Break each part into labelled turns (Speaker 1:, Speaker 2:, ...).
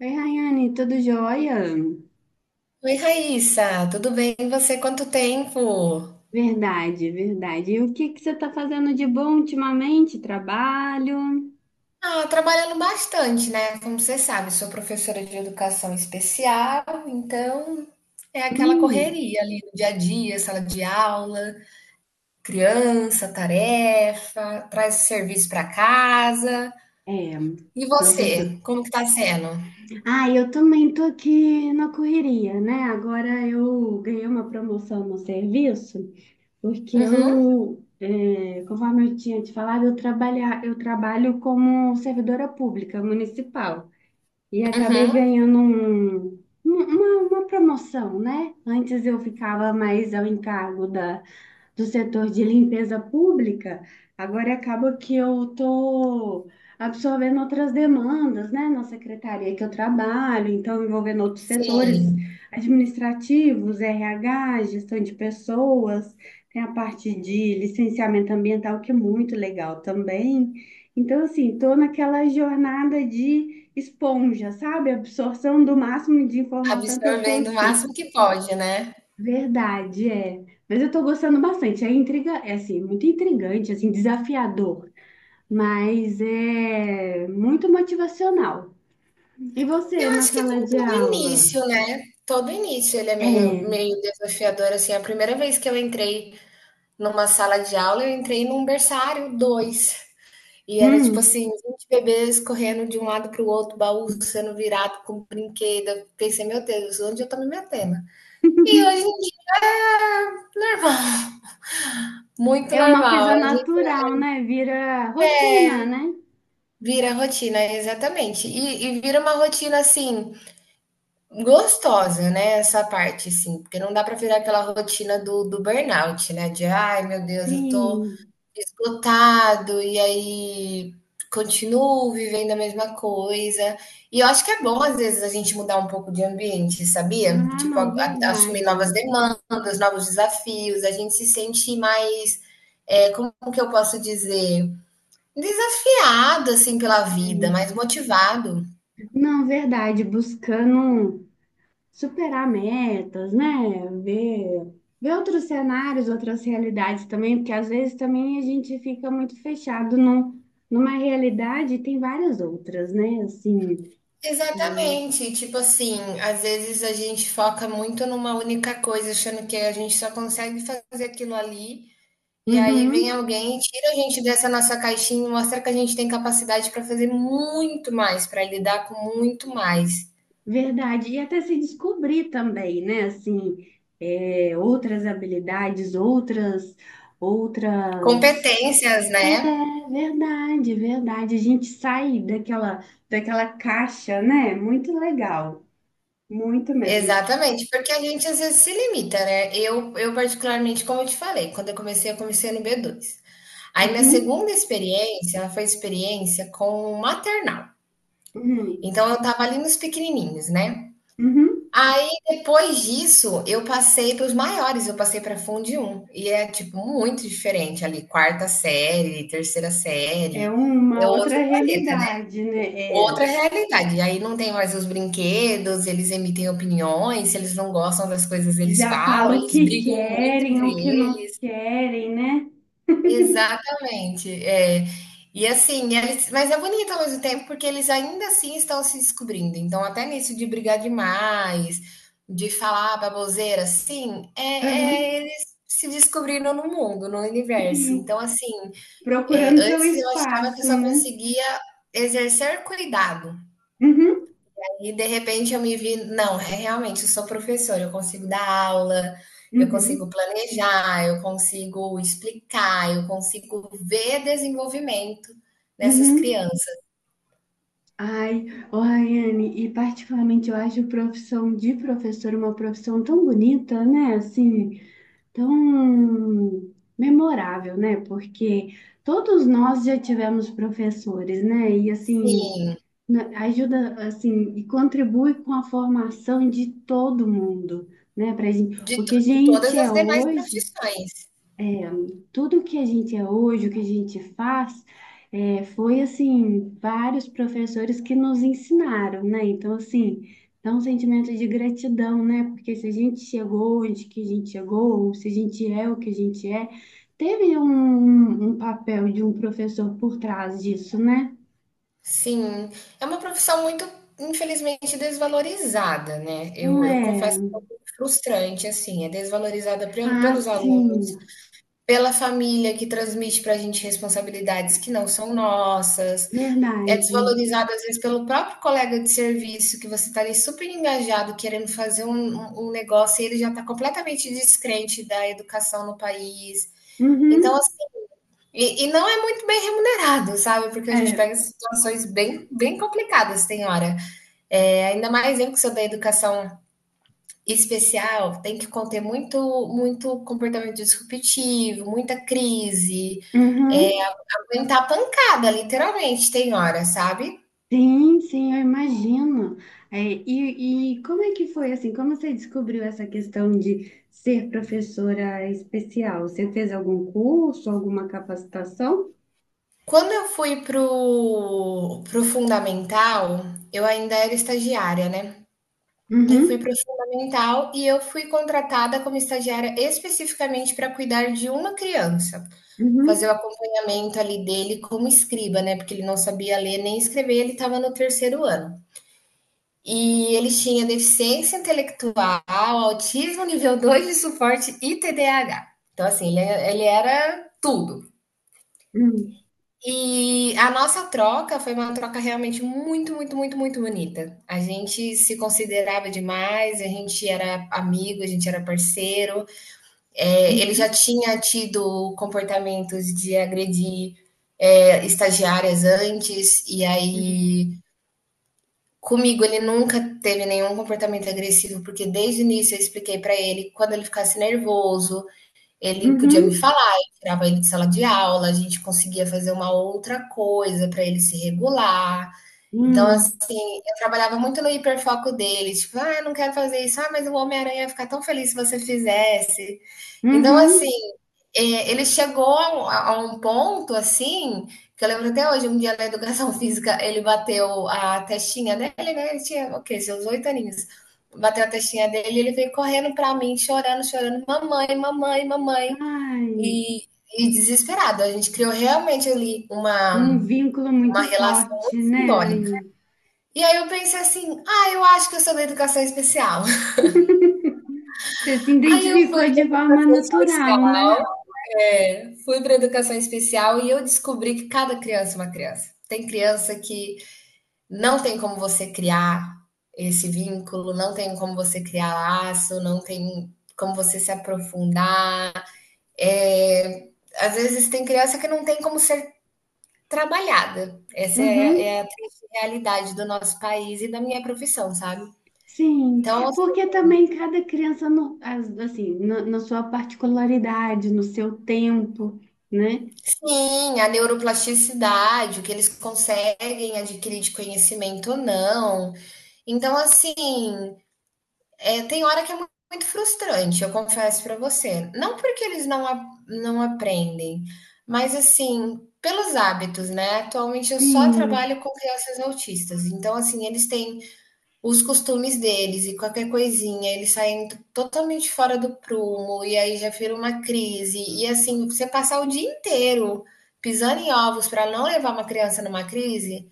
Speaker 1: Oi, Rayane, tudo jóia?
Speaker 2: Oi, Raíssa, tudo bem? E você? Quanto tempo?
Speaker 1: Verdade. E o que que você está fazendo de bom ultimamente? Trabalho?
Speaker 2: Ah, trabalhando bastante, né? Como você sabe, sou professora de educação especial, então é aquela
Speaker 1: Hum,
Speaker 2: correria ali no dia a dia, sala de aula, criança, tarefa, traz serviço para casa.
Speaker 1: é,
Speaker 2: E
Speaker 1: professor.
Speaker 2: você? Como que tá sendo?
Speaker 1: Ah, eu também tô aqui na correria, né? Agora eu ganhei uma promoção no serviço, porque
Speaker 2: Uhum,
Speaker 1: conforme eu tinha te falado, eu trabalho como servidora pública municipal. E acabei
Speaker 2: uhum.
Speaker 1: ganhando uma promoção, né? Antes eu ficava mais ao encargo da do setor de limpeza pública, agora acaba que eu estou absorvendo outras demandas, né, na secretaria que eu trabalho, então envolvendo outros setores
Speaker 2: Sim,
Speaker 1: administrativos, RH, gestão de pessoas, tem a parte de licenciamento ambiental, que é muito legal também. Então, assim, estou naquela jornada de esponja, sabe? Absorção do máximo de informação que eu
Speaker 2: absorvendo o
Speaker 1: consigo.
Speaker 2: máximo que pode, né?
Speaker 1: Verdade, é. Mas eu tô gostando bastante. É intriga, é assim, muito intrigante, assim, desafiador, mas é muito motivacional. E você,
Speaker 2: Eu
Speaker 1: na
Speaker 2: acho que é
Speaker 1: sala
Speaker 2: como
Speaker 1: de
Speaker 2: todo
Speaker 1: aula?
Speaker 2: início, né? Todo início ele é meio,
Speaker 1: É.
Speaker 2: meio desafiador, assim. A primeira vez que eu entrei numa sala de aula, eu entrei num berçário dois. E era tipo
Speaker 1: Hum.
Speaker 2: assim, 20 bebês correndo de um lado para o outro, baú sendo virado com brinquedo. Eu pensei: "Meu Deus, onde eu tô me metendo?" E hoje em dia é normal, muito
Speaker 1: É uma coisa
Speaker 2: normal. A gente
Speaker 1: natural, né? Vira rotina, né?
Speaker 2: vira rotina, exatamente. E vira uma rotina assim, gostosa, né, essa parte, assim, porque não dá para virar aquela rotina do burnout, né, de: "Ai, meu Deus, eu tô
Speaker 1: Sim.
Speaker 2: esgotado", e aí continuo vivendo a mesma coisa. E eu acho que é bom, às vezes, a gente mudar um pouco de ambiente, sabia?
Speaker 1: Ah,
Speaker 2: Tipo,
Speaker 1: não,
Speaker 2: a assumir novas
Speaker 1: verdade.
Speaker 2: demandas, novos desafios, a gente se sente mais, é como que eu posso dizer? Desafiado, assim, pela vida, mais motivado.
Speaker 1: Não, verdade. Buscando. Um superar metas, né? Ver, ver outros cenários, outras realidades também, porque às vezes também a gente fica muito fechado numa realidade e tem várias outras, né? Assim,
Speaker 2: Exatamente. Tipo assim, às vezes a gente foca muito numa única coisa, achando que a gente só consegue fazer aquilo ali, e aí vem
Speaker 1: uhum,
Speaker 2: alguém e tira a gente dessa nossa caixinha e mostra que a gente tem capacidade para fazer muito mais, para lidar com muito mais.
Speaker 1: verdade. E até se descobrir também, né? Assim, é, outras habilidades, outras, outras.
Speaker 2: Competências, né?
Speaker 1: É verdade. A gente sai daquela caixa, né? Muito legal, muito mesmo.
Speaker 2: Exatamente, porque a gente às vezes se limita, né? Eu particularmente, como eu te falei, quando eu comecei no b dois. Aí minha
Speaker 1: Uhum,
Speaker 2: segunda experiência, ela foi experiência com maternal.
Speaker 1: uhum.
Speaker 2: Então eu estava ali nos pequenininhos, né.
Speaker 1: Uhum.
Speaker 2: Aí depois disso, eu passei para os maiores, eu passei para Fundi 1 e é, tipo, muito diferente ali, quarta série, terceira
Speaker 1: É
Speaker 2: série, é
Speaker 1: uma
Speaker 2: outro
Speaker 1: outra
Speaker 2: planeta, né,
Speaker 1: realidade, né? É,
Speaker 2: outra realidade. E aí não tem mais os brinquedos, eles emitem opiniões, se eles não gostam das coisas, eles
Speaker 1: já
Speaker 2: falam,
Speaker 1: fala o
Speaker 2: eles
Speaker 1: que
Speaker 2: brigam muito
Speaker 1: querem,
Speaker 2: entre
Speaker 1: o que não
Speaker 2: eles.
Speaker 1: querem, né?
Speaker 2: Exatamente, é. E assim, eles, mas é bonito ao mesmo tempo, porque eles ainda assim estão se descobrindo, então até nisso de brigar demais, de falar baboseira, assim, é
Speaker 1: Aham.
Speaker 2: é eles se descobrindo no mundo, no universo.
Speaker 1: E
Speaker 2: Então assim,
Speaker 1: procurando seu
Speaker 2: antes eu achava que eu
Speaker 1: espaço,
Speaker 2: só
Speaker 1: né?
Speaker 2: conseguia exercer cuidado,
Speaker 1: Uhum,
Speaker 2: e de repente eu me vi, não, é realmente, eu sou professora, eu consigo dar aula, eu
Speaker 1: uhum,
Speaker 2: consigo planejar, eu consigo explicar, eu consigo ver desenvolvimento nessas
Speaker 1: uhum.
Speaker 2: crianças.
Speaker 1: Ai, ô Rayane, e particularmente eu acho a profissão de professor uma profissão tão bonita, né? Assim, tão memorável, né? Porque todos nós já tivemos professores, né? E assim,
Speaker 2: Sim,
Speaker 1: né, ajuda assim e contribui com a formação de todo mundo, né? Para gente, o que a
Speaker 2: de
Speaker 1: gente
Speaker 2: todas
Speaker 1: é
Speaker 2: as demais
Speaker 1: hoje,
Speaker 2: profissões.
Speaker 1: tudo que a gente é hoje, o que a gente faz, é, foi assim vários professores que nos ensinaram, né? Então assim dá um sentimento de gratidão, né? Porque se a gente chegou onde que a gente chegou, ou se a gente é o que a gente é, teve um um papel de um professor por trás disso, né?
Speaker 2: Sim, é uma profissão muito, infelizmente, desvalorizada, né?
Speaker 1: Então,
Speaker 2: Eu confesso que
Speaker 1: é.
Speaker 2: é um pouco frustrante, assim, é desvalorizada pelo,
Speaker 1: Ah,
Speaker 2: pelos alunos,
Speaker 1: sim.
Speaker 2: pela família que transmite para a gente responsabilidades que não são nossas. É
Speaker 1: Verdade.
Speaker 2: desvalorizado às vezes pelo próprio colega de serviço, que você está ali super engajado, querendo fazer um negócio, e ele já está completamente descrente da educação no país. Então,
Speaker 1: Uhum.
Speaker 2: assim, e não é muito bem remunerado, sabe? Porque a gente
Speaker 1: É.
Speaker 2: pega situações bem, bem complicadas, tem hora. É, ainda mais eu que sou da educação especial, tem que conter muito, muito comportamento disruptivo, muita crise, é,
Speaker 1: Uhum.
Speaker 2: aguentar pancada, literalmente, tem hora, sabe?
Speaker 1: Sim, sim, eu imagino. É, e como é que foi assim? Como você descobriu essa questão de ser professora especial? Você fez algum curso, alguma capacitação?
Speaker 2: Quando eu fui pro fundamental, eu ainda era estagiária, né. Eu fui
Speaker 1: Uhum.
Speaker 2: pro fundamental e eu fui contratada como estagiária especificamente para cuidar de uma criança, fazer o
Speaker 1: Uhum.
Speaker 2: acompanhamento ali dele como escriba, né, porque ele não sabia ler nem escrever, ele estava no 3º ano. E ele tinha deficiência intelectual, autismo nível 2 de suporte e TDAH. Então assim, ele é, ele era tudo.
Speaker 1: Uhum.
Speaker 2: E a nossa troca foi uma troca realmente muito, muito, muito, muito bonita. A gente se considerava demais, a gente era amigo, a gente era parceiro. É, ele já
Speaker 1: Uhum.
Speaker 2: tinha tido comportamentos de agredir estagiárias antes, e aí comigo, ele nunca teve nenhum comportamento agressivo, porque desde o início eu expliquei para ele: quando ele ficasse nervoso, ele podia me
Speaker 1: Uhum.
Speaker 2: falar, eu tirava ele de sala de aula, a gente conseguia fazer uma outra coisa para ele se regular. Então, assim,
Speaker 1: Uhum.
Speaker 2: eu trabalhava muito no hiperfoco dele, tipo, ah, eu não quero fazer isso, ah, mas o Homem-Aranha ia ficar tão feliz se você fizesse. Então, assim,
Speaker 1: Uhum.
Speaker 2: ele chegou a a um ponto assim, que eu lembro até hoje, um dia na educação física, ele bateu a testinha dele, né? Ele tinha, o quê? Seus 8 aninhos. Bateu a testinha dele, e ele veio correndo pra mim, chorando, chorando, mamãe, mamãe, mamãe
Speaker 1: Ai,
Speaker 2: e, e desesperado. A gente criou realmente ali
Speaker 1: um
Speaker 2: uma
Speaker 1: vínculo muito
Speaker 2: relação
Speaker 1: forte,
Speaker 2: muito
Speaker 1: né? Ai,
Speaker 2: simbólica. E aí eu pensei assim, ah, eu acho que eu sou da educação especial.
Speaker 1: você se
Speaker 2: Aí eu
Speaker 1: identificou
Speaker 2: fui
Speaker 1: de
Speaker 2: para
Speaker 1: forma natural, né?
Speaker 2: fui para educação especial e eu descobri que cada criança é uma criança. Tem criança que não tem como você criar esse vínculo, não tem como você criar laço, não tem como você se aprofundar. É, às vezes tem criança que não tem como ser trabalhada. Essa é
Speaker 1: Uhum.
Speaker 2: é a triste realidade do nosso país e da minha profissão, sabe.
Speaker 1: Sim,
Speaker 2: Então,
Speaker 1: porque também cada criança, assim, na sua particularidade, no seu tempo, né?
Speaker 2: sim, a neuroplasticidade, o que eles conseguem adquirir de conhecimento ou não. Então, assim, tem hora que é muito muito frustrante, eu confesso para você. Não porque eles não a não aprendem, mas, assim, pelos hábitos, né. Atualmente eu só
Speaker 1: Sim.
Speaker 2: trabalho com crianças autistas, então, assim, eles têm os costumes deles e qualquer coisinha, eles saem totalmente fora do prumo e aí já vira uma crise. E assim, você passar o dia inteiro pisando em ovos para não levar uma criança numa crise,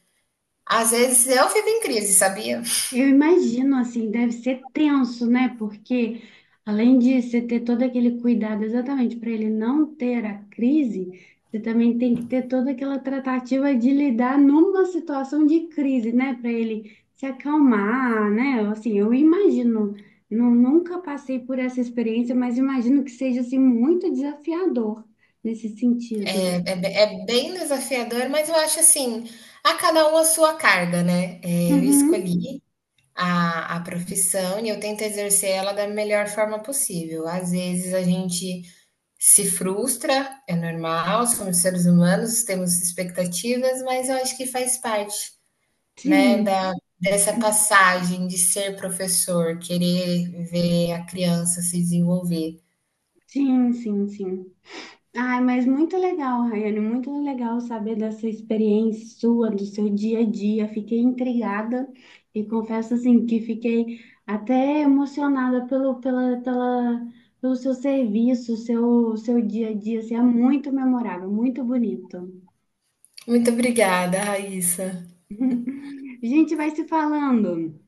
Speaker 2: às vezes eu fico em crise, sabia?
Speaker 1: Eu imagino, assim, deve ser tenso, né? Porque além de você ter todo aquele cuidado exatamente para ele não ter a crise, você também tem que ter toda aquela tratativa de lidar numa situação de crise, né? Para ele se acalmar, né? Assim, eu imagino, nunca passei por essa experiência, mas imagino que seja, assim, muito desafiador nesse
Speaker 2: É,
Speaker 1: sentido.
Speaker 2: é bem desafiador, mas eu acho assim, a cada um a sua carga, né? É, eu
Speaker 1: Uhum.
Speaker 2: escolhi a profissão e eu tento exercer ela da melhor forma possível. Às vezes a gente se frustra, é normal, somos seres humanos, temos expectativas, mas eu acho que faz parte, né,
Speaker 1: Sim,
Speaker 2: da, dessa passagem de ser professor, querer ver a criança se desenvolver.
Speaker 1: sim, sim, sim. Ai, mas muito legal, Rayane, muito legal saber dessa experiência sua, do seu dia a dia. Fiquei intrigada e confesso assim que fiquei até emocionada pelo seu serviço, seu dia a dia. Assim, é muito memorável, muito bonito.
Speaker 2: Muito obrigada, Raíssa.
Speaker 1: A gente vai se falando,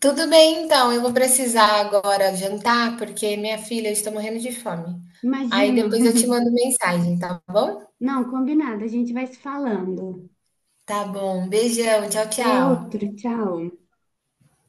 Speaker 2: Tudo bem, então, eu vou precisar agora jantar, porque minha filha está morrendo de fome. Aí
Speaker 1: imagino.
Speaker 2: depois eu te mando mensagem, tá bom?
Speaker 1: Não, combinado, a gente vai se falando.
Speaker 2: Tá bom, beijão, tchau, tchau.
Speaker 1: Outro, tchau.